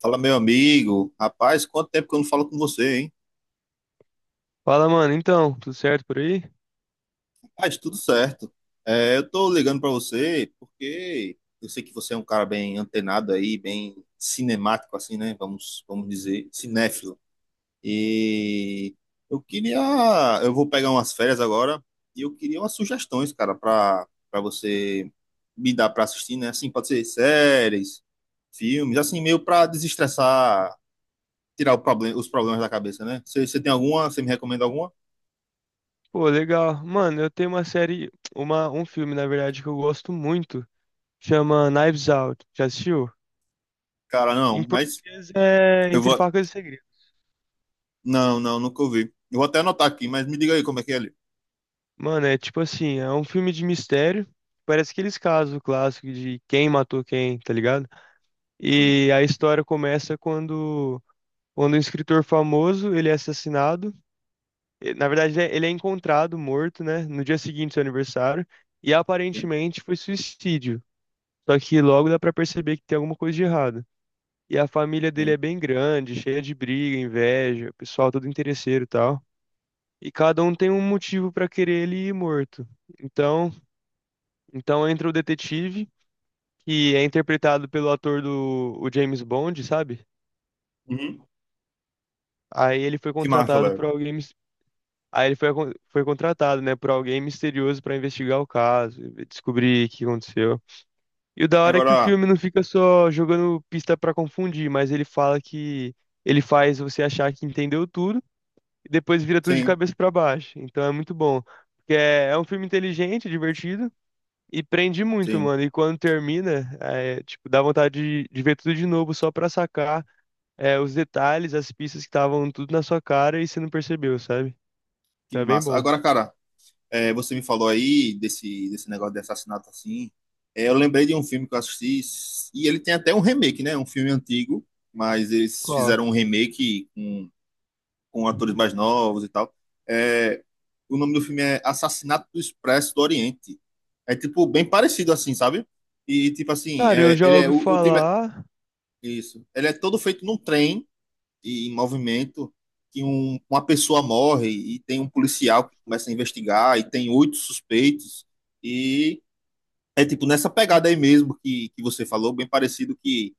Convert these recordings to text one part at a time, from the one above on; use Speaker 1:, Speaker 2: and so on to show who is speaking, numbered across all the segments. Speaker 1: Fala, meu amigo. Rapaz, quanto tempo que eu não falo com você, hein?
Speaker 2: Fala, mano. Então, tudo certo por aí?
Speaker 1: Rapaz, tudo certo. É, eu tô ligando pra você porque eu sei que você é um cara bem antenado aí, bem cinemático assim, né? Vamos dizer, cinéfilo. E eu queria, eu vou pegar umas férias agora e eu queria umas sugestões, cara, pra para você me dar pra assistir, né? Assim, pode ser séries, filmes, assim, meio pra desestressar, tirar o problema, os problemas da cabeça, né? Você tem alguma? Você me recomenda alguma?
Speaker 2: Pô, legal. Mano, eu tenho uma série, um filme, na verdade, que eu gosto muito. Chama Knives Out. Já assistiu?
Speaker 1: Cara,
Speaker 2: Em
Speaker 1: não, mas
Speaker 2: português é
Speaker 1: eu
Speaker 2: Entre
Speaker 1: vou.
Speaker 2: Facas e Segredos.
Speaker 1: Não, não, nunca ouvi. Eu vou até anotar aqui, mas me diga aí como é que é ali.
Speaker 2: Mano, é tipo assim, é um filme de mistério. Parece aqueles casos clássicos de quem matou quem, tá ligado?
Speaker 1: Sim,
Speaker 2: E a história começa quando um escritor famoso, ele é assassinado. E, na verdade, ele é encontrado morto, né? No dia seguinte do seu aniversário. E
Speaker 1: sim,
Speaker 2: aparentemente foi suicídio. Só que logo dá pra perceber que tem alguma coisa de errado. E a família dele
Speaker 1: sim.
Speaker 2: é bem grande, cheia de briga, inveja, pessoal todo interesseiro e tal. E cada um tem um motivo pra querer ele ir morto. Então, então entra o detetive, que é interpretado pelo ator do o James Bond, sabe?
Speaker 1: Uhum.
Speaker 2: Aí ele foi
Speaker 1: Que massa,
Speaker 2: contratado
Speaker 1: velho.
Speaker 2: por alguém, mis- aí ele foi, acon- foi contratado, né, por alguém misterioso pra investigar o caso, e descobrir o que aconteceu. E o da hora é que o
Speaker 1: Agora,
Speaker 2: filme não fica só jogando pista pra confundir, mas ele fala que ele faz você achar que entendeu tudo e depois vira tudo de
Speaker 1: sim,
Speaker 2: cabeça pra baixo. Então é muito bom, porque é, é um filme inteligente, divertido e prende muito,
Speaker 1: sim,
Speaker 2: mano. E quando termina, é, tipo, dá vontade de ver tudo de novo só pra sacar é, os detalhes, as pistas que estavam tudo na sua cara e você não percebeu, sabe? Então
Speaker 1: que
Speaker 2: é bem
Speaker 1: massa.
Speaker 2: bom.
Speaker 1: Agora, cara, é, você me falou aí desse negócio de assassinato assim. É, eu lembrei de um filme que eu assisti, e ele tem até um remake, né? Um filme antigo, mas eles
Speaker 2: Qual?
Speaker 1: fizeram um remake com atores mais novos e tal. É, o nome do filme é Assassinato do Expresso do Oriente. É tipo bem parecido assim, sabe? E tipo assim,
Speaker 2: Cara, eu
Speaker 1: é,
Speaker 2: já
Speaker 1: ele é
Speaker 2: ouvi
Speaker 1: o time
Speaker 2: falar.
Speaker 1: isso. Ele é todo feito num trem e em movimento que uma pessoa morre e tem um policial que começa a investigar e tem 8 suspeitos e é tipo nessa pegada aí mesmo que você falou, bem parecido que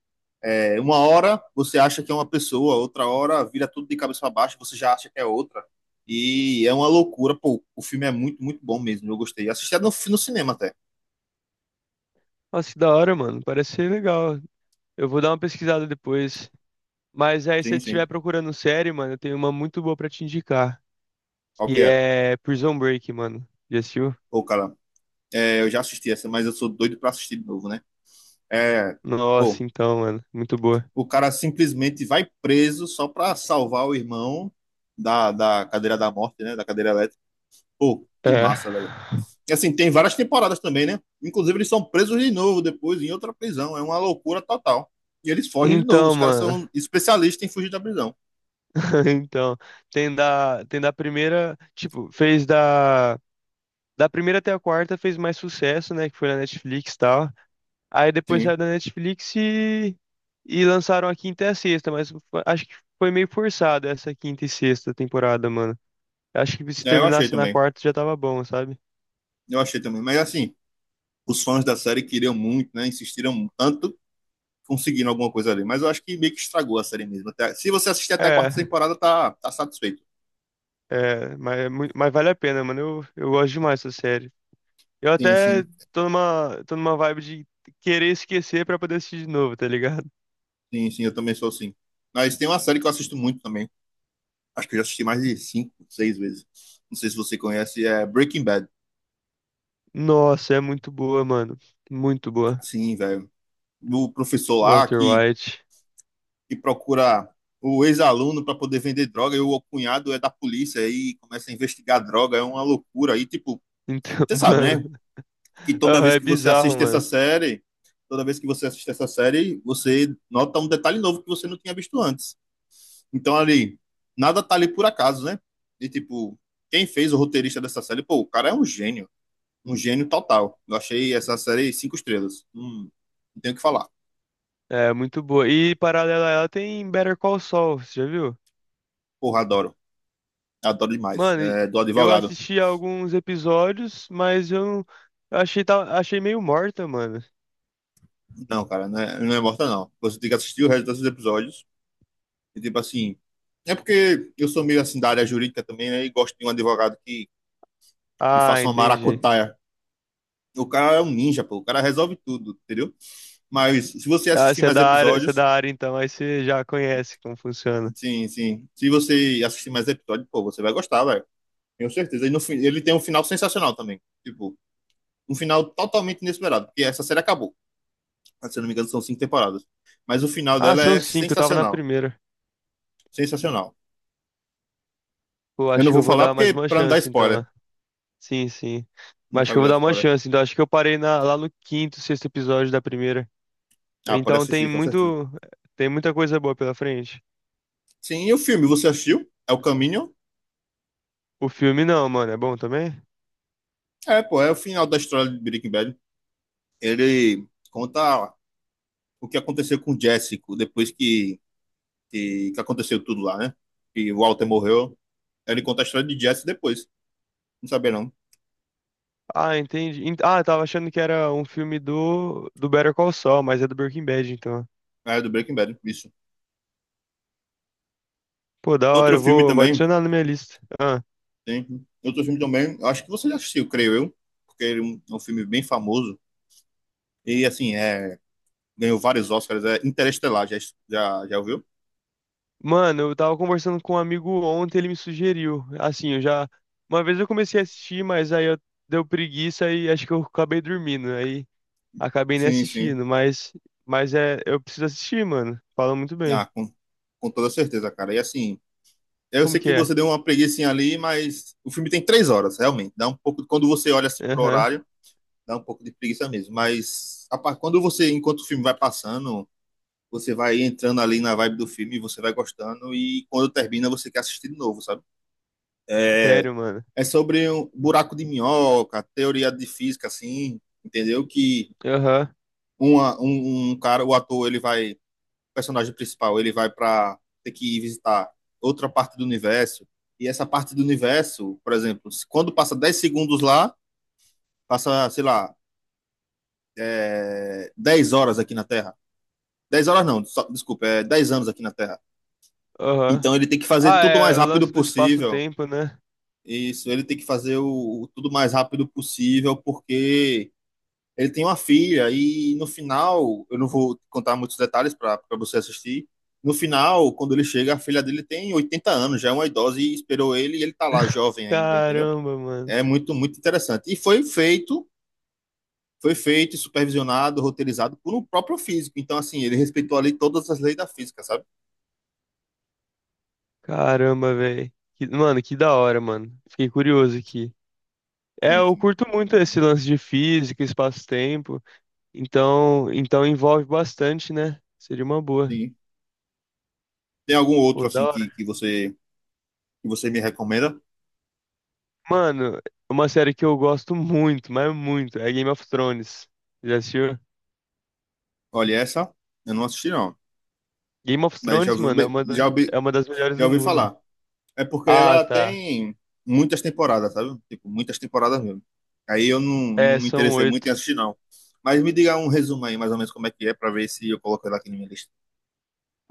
Speaker 1: é, uma hora você acha que é uma pessoa, outra hora vira tudo de cabeça para baixo, você já acha que é outra. E é uma loucura, pô. O filme é muito, muito bom mesmo. Eu gostei. Assisti no cinema até.
Speaker 2: Nossa, que da hora, mano. Parece ser legal. Eu vou dar uma pesquisada depois. Mas aí, se você
Speaker 1: Sim,
Speaker 2: estiver
Speaker 1: sim.
Speaker 2: procurando série, mano, eu tenho uma muito boa pra te indicar.
Speaker 1: Qual que
Speaker 2: Que
Speaker 1: é?
Speaker 2: é Prison Break, mano. Já assistiu?
Speaker 1: Pô, cara, é, eu já assisti essa, mas eu sou doido para assistir de novo, né? É,
Speaker 2: Nossa,
Speaker 1: pô,
Speaker 2: então, mano. Muito boa.
Speaker 1: o cara simplesmente vai preso só para salvar o irmão da cadeira da morte, né? Da cadeira elétrica. Pô, que
Speaker 2: É.
Speaker 1: massa, velho. Assim, tem várias temporadas também, né? Inclusive, eles são presos de novo depois em outra prisão. É uma loucura total. E eles fogem de novo.
Speaker 2: Então,
Speaker 1: Os caras
Speaker 2: mano.
Speaker 1: são especialistas em fugir da prisão.
Speaker 2: Então, tem da primeira. Tipo, fez da. Da primeira até a quarta fez mais sucesso, né? Que foi na Netflix e tal. Aí depois
Speaker 1: Sim.
Speaker 2: saiu da Netflix. E. E lançaram a quinta e a sexta, mas acho que foi meio forçado essa quinta e sexta temporada, mano. Acho que se
Speaker 1: É, eu achei
Speaker 2: terminasse na
Speaker 1: também.
Speaker 2: quarta já tava bom, sabe?
Speaker 1: Eu achei também. Mas, assim, os fãs da série queriam muito, né? Insistiram tanto conseguindo alguma coisa ali. Mas eu acho que meio que estragou a série mesmo. Até, se você assistir até a
Speaker 2: É,
Speaker 1: quarta temporada, tá satisfeito.
Speaker 2: mas vale a pena, mano. Eu gosto demais dessa série. Eu
Speaker 1: Sim,
Speaker 2: até
Speaker 1: sim.
Speaker 2: tô numa vibe de querer esquecer pra poder assistir de novo, tá ligado?
Speaker 1: Sim, sim. Eu também sou assim. Mas tem uma série que eu assisto muito também. Acho que eu já assisti mais de cinco, seis vezes. Não sei se você conhece. É Breaking Bad.
Speaker 2: Nossa, é muito boa, mano. Muito boa.
Speaker 1: Sim, velho. Do professor lá
Speaker 2: Walter
Speaker 1: que,
Speaker 2: White.
Speaker 1: que procura o ex-aluno para poder vender droga e o cunhado é da polícia e começa a investigar droga, é uma loucura. E, tipo,
Speaker 2: Então,
Speaker 1: você sabe, né?
Speaker 2: mano.
Speaker 1: Que toda
Speaker 2: Aham,
Speaker 1: vez
Speaker 2: é
Speaker 1: que você
Speaker 2: bizarro,
Speaker 1: assiste essa
Speaker 2: mano.
Speaker 1: série, toda vez que você assiste essa série, você nota um detalhe novo que você não tinha visto antes. Então, ali, nada tá ali por acaso, né? E, tipo, quem fez o roteirista dessa série, pô, o cara é um gênio. Um gênio total. Eu achei essa série cinco estrelas. Não tenho o que falar.
Speaker 2: É muito boa. E paralela a ela tem Better Call Saul, você já viu?
Speaker 1: Porra, adoro. Adoro demais.
Speaker 2: Mano,
Speaker 1: É, do
Speaker 2: eu
Speaker 1: advogado.
Speaker 2: assisti alguns episódios, mas eu não- eu achei meio morta, mano.
Speaker 1: Não, cara, não é morta, não. Você tem que assistir o resto desses episódios. E, tipo assim. É porque eu sou meio assim da área jurídica também, né? E gosto de um advogado que
Speaker 2: Ah,
Speaker 1: faça uma
Speaker 2: entendi.
Speaker 1: maracutaia. O cara é um ninja, pô. O cara resolve tudo, entendeu? Mas se você
Speaker 2: Ah,
Speaker 1: assistir
Speaker 2: você é
Speaker 1: mais
Speaker 2: da área, você é
Speaker 1: episódios.
Speaker 2: da área então, aí você já conhece como funciona.
Speaker 1: Sim, sim. Se você assistir mais episódios, pô, você vai gostar, velho. Tenho certeza. E no, fim- Ele tem um final sensacional também. Tipo, um final totalmente inesperado. Porque essa série acabou. Se eu não me engano, são cinco temporadas. Mas o final
Speaker 2: Ah,
Speaker 1: dela
Speaker 2: são
Speaker 1: é
Speaker 2: cinco, eu tava na
Speaker 1: sensacional.
Speaker 2: primeira.
Speaker 1: Sensacional.
Speaker 2: Pô,
Speaker 1: Eu
Speaker 2: acho
Speaker 1: não
Speaker 2: que
Speaker 1: vou
Speaker 2: eu vou
Speaker 1: falar
Speaker 2: dar mais
Speaker 1: porque
Speaker 2: uma
Speaker 1: para não dar
Speaker 2: chance então,
Speaker 1: spoiler.
Speaker 2: né? Sim, sim. Mas
Speaker 1: Não
Speaker 2: acho que
Speaker 1: cabe
Speaker 2: eu vou
Speaker 1: dar
Speaker 2: dar uma
Speaker 1: spoiler.
Speaker 2: chance, então acho que eu lá no quinto, sexto episódio da primeira.
Speaker 1: Ah, pode
Speaker 2: Então tem
Speaker 1: assistir, com certeza.
Speaker 2: muito, tem muita coisa boa pela frente.
Speaker 1: Sim, e o filme, você assistiu? É o Caminho?
Speaker 2: O filme não, mano, é bom também?
Speaker 1: É, pô, é o final da história de Breaking Bad. Ele conta o que aconteceu com o Jessico depois que aconteceu tudo lá, né? Que o Walter morreu. Ele conta a história de Jesse depois. Não sabia, não.
Speaker 2: Ah, entendi. Ah, eu tava achando que era um filme do, do Better Call Saul, mas é do Breaking Bad, então.
Speaker 1: É do Breaking Bad, isso.
Speaker 2: Pô, da hora,
Speaker 1: Outro
Speaker 2: eu
Speaker 1: filme
Speaker 2: vou
Speaker 1: também,
Speaker 2: adicionar na minha lista. Ah.
Speaker 1: tem. Outro filme também, acho que você já assistiu, creio eu, porque ele é um filme bem famoso. E, assim, é ganhou vários Oscars, é Interestelar, já ouviu?
Speaker 2: Mano, eu tava conversando com um amigo ontem, ele me sugeriu. Assim, eu já. Uma vez eu comecei a assistir, mas aí eu deu preguiça e acho que eu acabei dormindo. Aí acabei nem
Speaker 1: Sim, sim.
Speaker 2: assistindo, mas. Mas é. Eu preciso assistir, mano. Fala muito bem.
Speaker 1: Ah, com toda certeza, cara. E assim, eu
Speaker 2: Como
Speaker 1: sei
Speaker 2: que
Speaker 1: que
Speaker 2: é?
Speaker 1: você deu uma preguicinha ali, mas o filme tem 3 horas, realmente. Dá um pouco, quando você olha assim pro
Speaker 2: Aham.
Speaker 1: horário, dá um pouco de preguiça mesmo. Mas enquanto o filme vai passando, você vai entrando ali na vibe do filme, você vai gostando, e quando termina, você quer assistir de novo, sabe? É,
Speaker 2: Sério, mano.
Speaker 1: é sobre um buraco de minhoca, teoria de física, assim, entendeu? Que
Speaker 2: Aham.
Speaker 1: um cara, o ator, ele vai personagem principal ele vai para ter que ir visitar outra parte do universo, e essa parte do universo, por exemplo, quando passa 10 segundos lá, passa, sei lá, é, 10 horas aqui na Terra. Dez horas não, só, desculpa, é 10 anos aqui na Terra.
Speaker 2: Aham.
Speaker 1: Então ele tem que fazer
Speaker 2: Ah,
Speaker 1: tudo o mais
Speaker 2: é. O
Speaker 1: rápido
Speaker 2: lance do
Speaker 1: possível.
Speaker 2: espaço-tempo, né?
Speaker 1: Isso, ele tem que fazer o tudo mais rápido possível, porque ele tem uma filha e no final, eu não vou contar muitos detalhes para você assistir. No final, quando ele chega, a filha dele tem 80 anos, já é uma idosa e esperou ele e ele tá lá jovem ainda, entendeu?
Speaker 2: Caramba, mano.
Speaker 1: É muito muito interessante. E foi feito, supervisionado, roteirizado por um próprio físico. Então assim, ele respeitou ali todas as leis da física, sabe?
Speaker 2: Caramba, velho. Mano, que da hora, mano. Fiquei curioso aqui. É,
Speaker 1: Sim,
Speaker 2: eu
Speaker 1: sim.
Speaker 2: curto muito esse lance de física, espaço-tempo. Então envolve bastante, né? Seria uma boa.
Speaker 1: Sim. Tem algum outro
Speaker 2: Pô, da
Speaker 1: assim que, que
Speaker 2: hora.
Speaker 1: você que você me recomenda?
Speaker 2: Mano, uma série que eu gosto muito, mas muito, é Game of Thrones. Já assistiu?
Speaker 1: Olha essa, eu não assisti não,
Speaker 2: Game of
Speaker 1: mas
Speaker 2: Thrones, mano,
Speaker 1: já ouvi,
Speaker 2: é uma das melhores
Speaker 1: já
Speaker 2: do
Speaker 1: ouvi
Speaker 2: mundo.
Speaker 1: falar. É porque
Speaker 2: Ah,
Speaker 1: ela
Speaker 2: tá.
Speaker 1: tem muitas temporadas, sabe? Tipo, muitas temporadas mesmo. Aí eu não
Speaker 2: É,
Speaker 1: me
Speaker 2: são
Speaker 1: interessei muito em
Speaker 2: oito.
Speaker 1: assistir, não. Mas me diga um resumo aí, mais ou menos, como é que é, pra ver se eu coloco ela aqui na minha lista.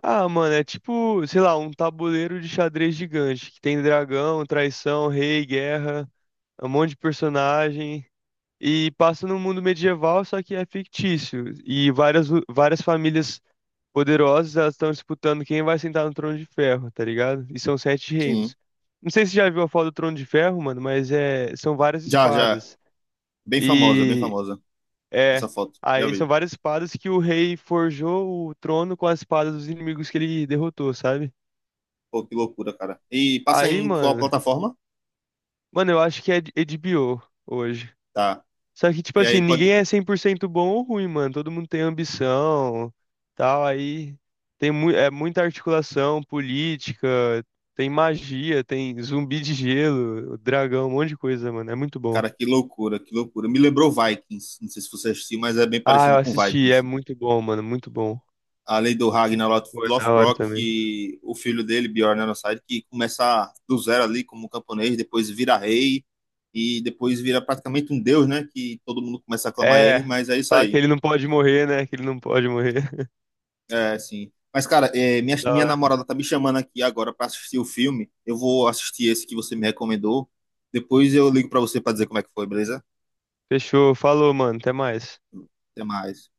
Speaker 2: Ah, mano, é tipo, sei lá, um tabuleiro de xadrez gigante, que tem dragão, traição, rei, guerra, um monte de personagem. E passa num mundo medieval, só que é fictício. E várias, várias famílias poderosas, elas estão disputando quem vai sentar no trono de ferro, tá ligado? E são sete
Speaker 1: Sim.
Speaker 2: reinos. Não sei se você já viu a foto do trono de ferro, mano, mas é, são várias
Speaker 1: Já, já.
Speaker 2: espadas.
Speaker 1: Bem famosa, bem
Speaker 2: E
Speaker 1: famosa.
Speaker 2: é,
Speaker 1: Essa foto. Já
Speaker 2: aí são
Speaker 1: vi.
Speaker 2: várias espadas que o rei forjou o trono com as espadas dos inimigos que ele derrotou, sabe?
Speaker 1: Pô, que loucura, cara. E passa
Speaker 2: Aí,
Speaker 1: em qual
Speaker 2: mano,
Speaker 1: plataforma?
Speaker 2: mano, eu acho que é HBO hoje.
Speaker 1: Tá.
Speaker 2: Só que, tipo
Speaker 1: E aí
Speaker 2: assim,
Speaker 1: pode.
Speaker 2: ninguém é 100% bom ou ruim, mano. Todo mundo tem ambição, tal. Aí tem mu é muita articulação política, tem magia, tem zumbi de gelo, dragão, um monte de coisa, mano. É muito bom.
Speaker 1: Cara, que loucura, que loucura. Me lembrou Vikings. Não sei se você assistiu, mas é bem
Speaker 2: Ah, eu
Speaker 1: parecido com
Speaker 2: assisti, é
Speaker 1: Vikings.
Speaker 2: muito bom, mano, muito bom.
Speaker 1: Além do Ragnar
Speaker 2: Foi da hora
Speaker 1: Lothbrok,
Speaker 2: também.
Speaker 1: que o filho dele, Bjorn Ironside, que começa do zero ali como camponês, depois vira rei e depois vira praticamente um deus, né? Que todo mundo começa a aclamar ele,
Speaker 2: É,
Speaker 1: mas é isso
Speaker 2: fala que
Speaker 1: aí.
Speaker 2: ele não pode morrer, né? Que ele não pode morrer.
Speaker 1: É, assim. Mas, cara, é, minha,
Speaker 2: Foi da
Speaker 1: minha
Speaker 2: hora.
Speaker 1: namorada tá me chamando aqui agora para assistir o filme. Eu vou assistir esse que você me recomendou. Depois eu ligo para você para dizer como é que foi, beleza?
Speaker 2: Fechou, falou, mano, até mais.
Speaker 1: Até mais.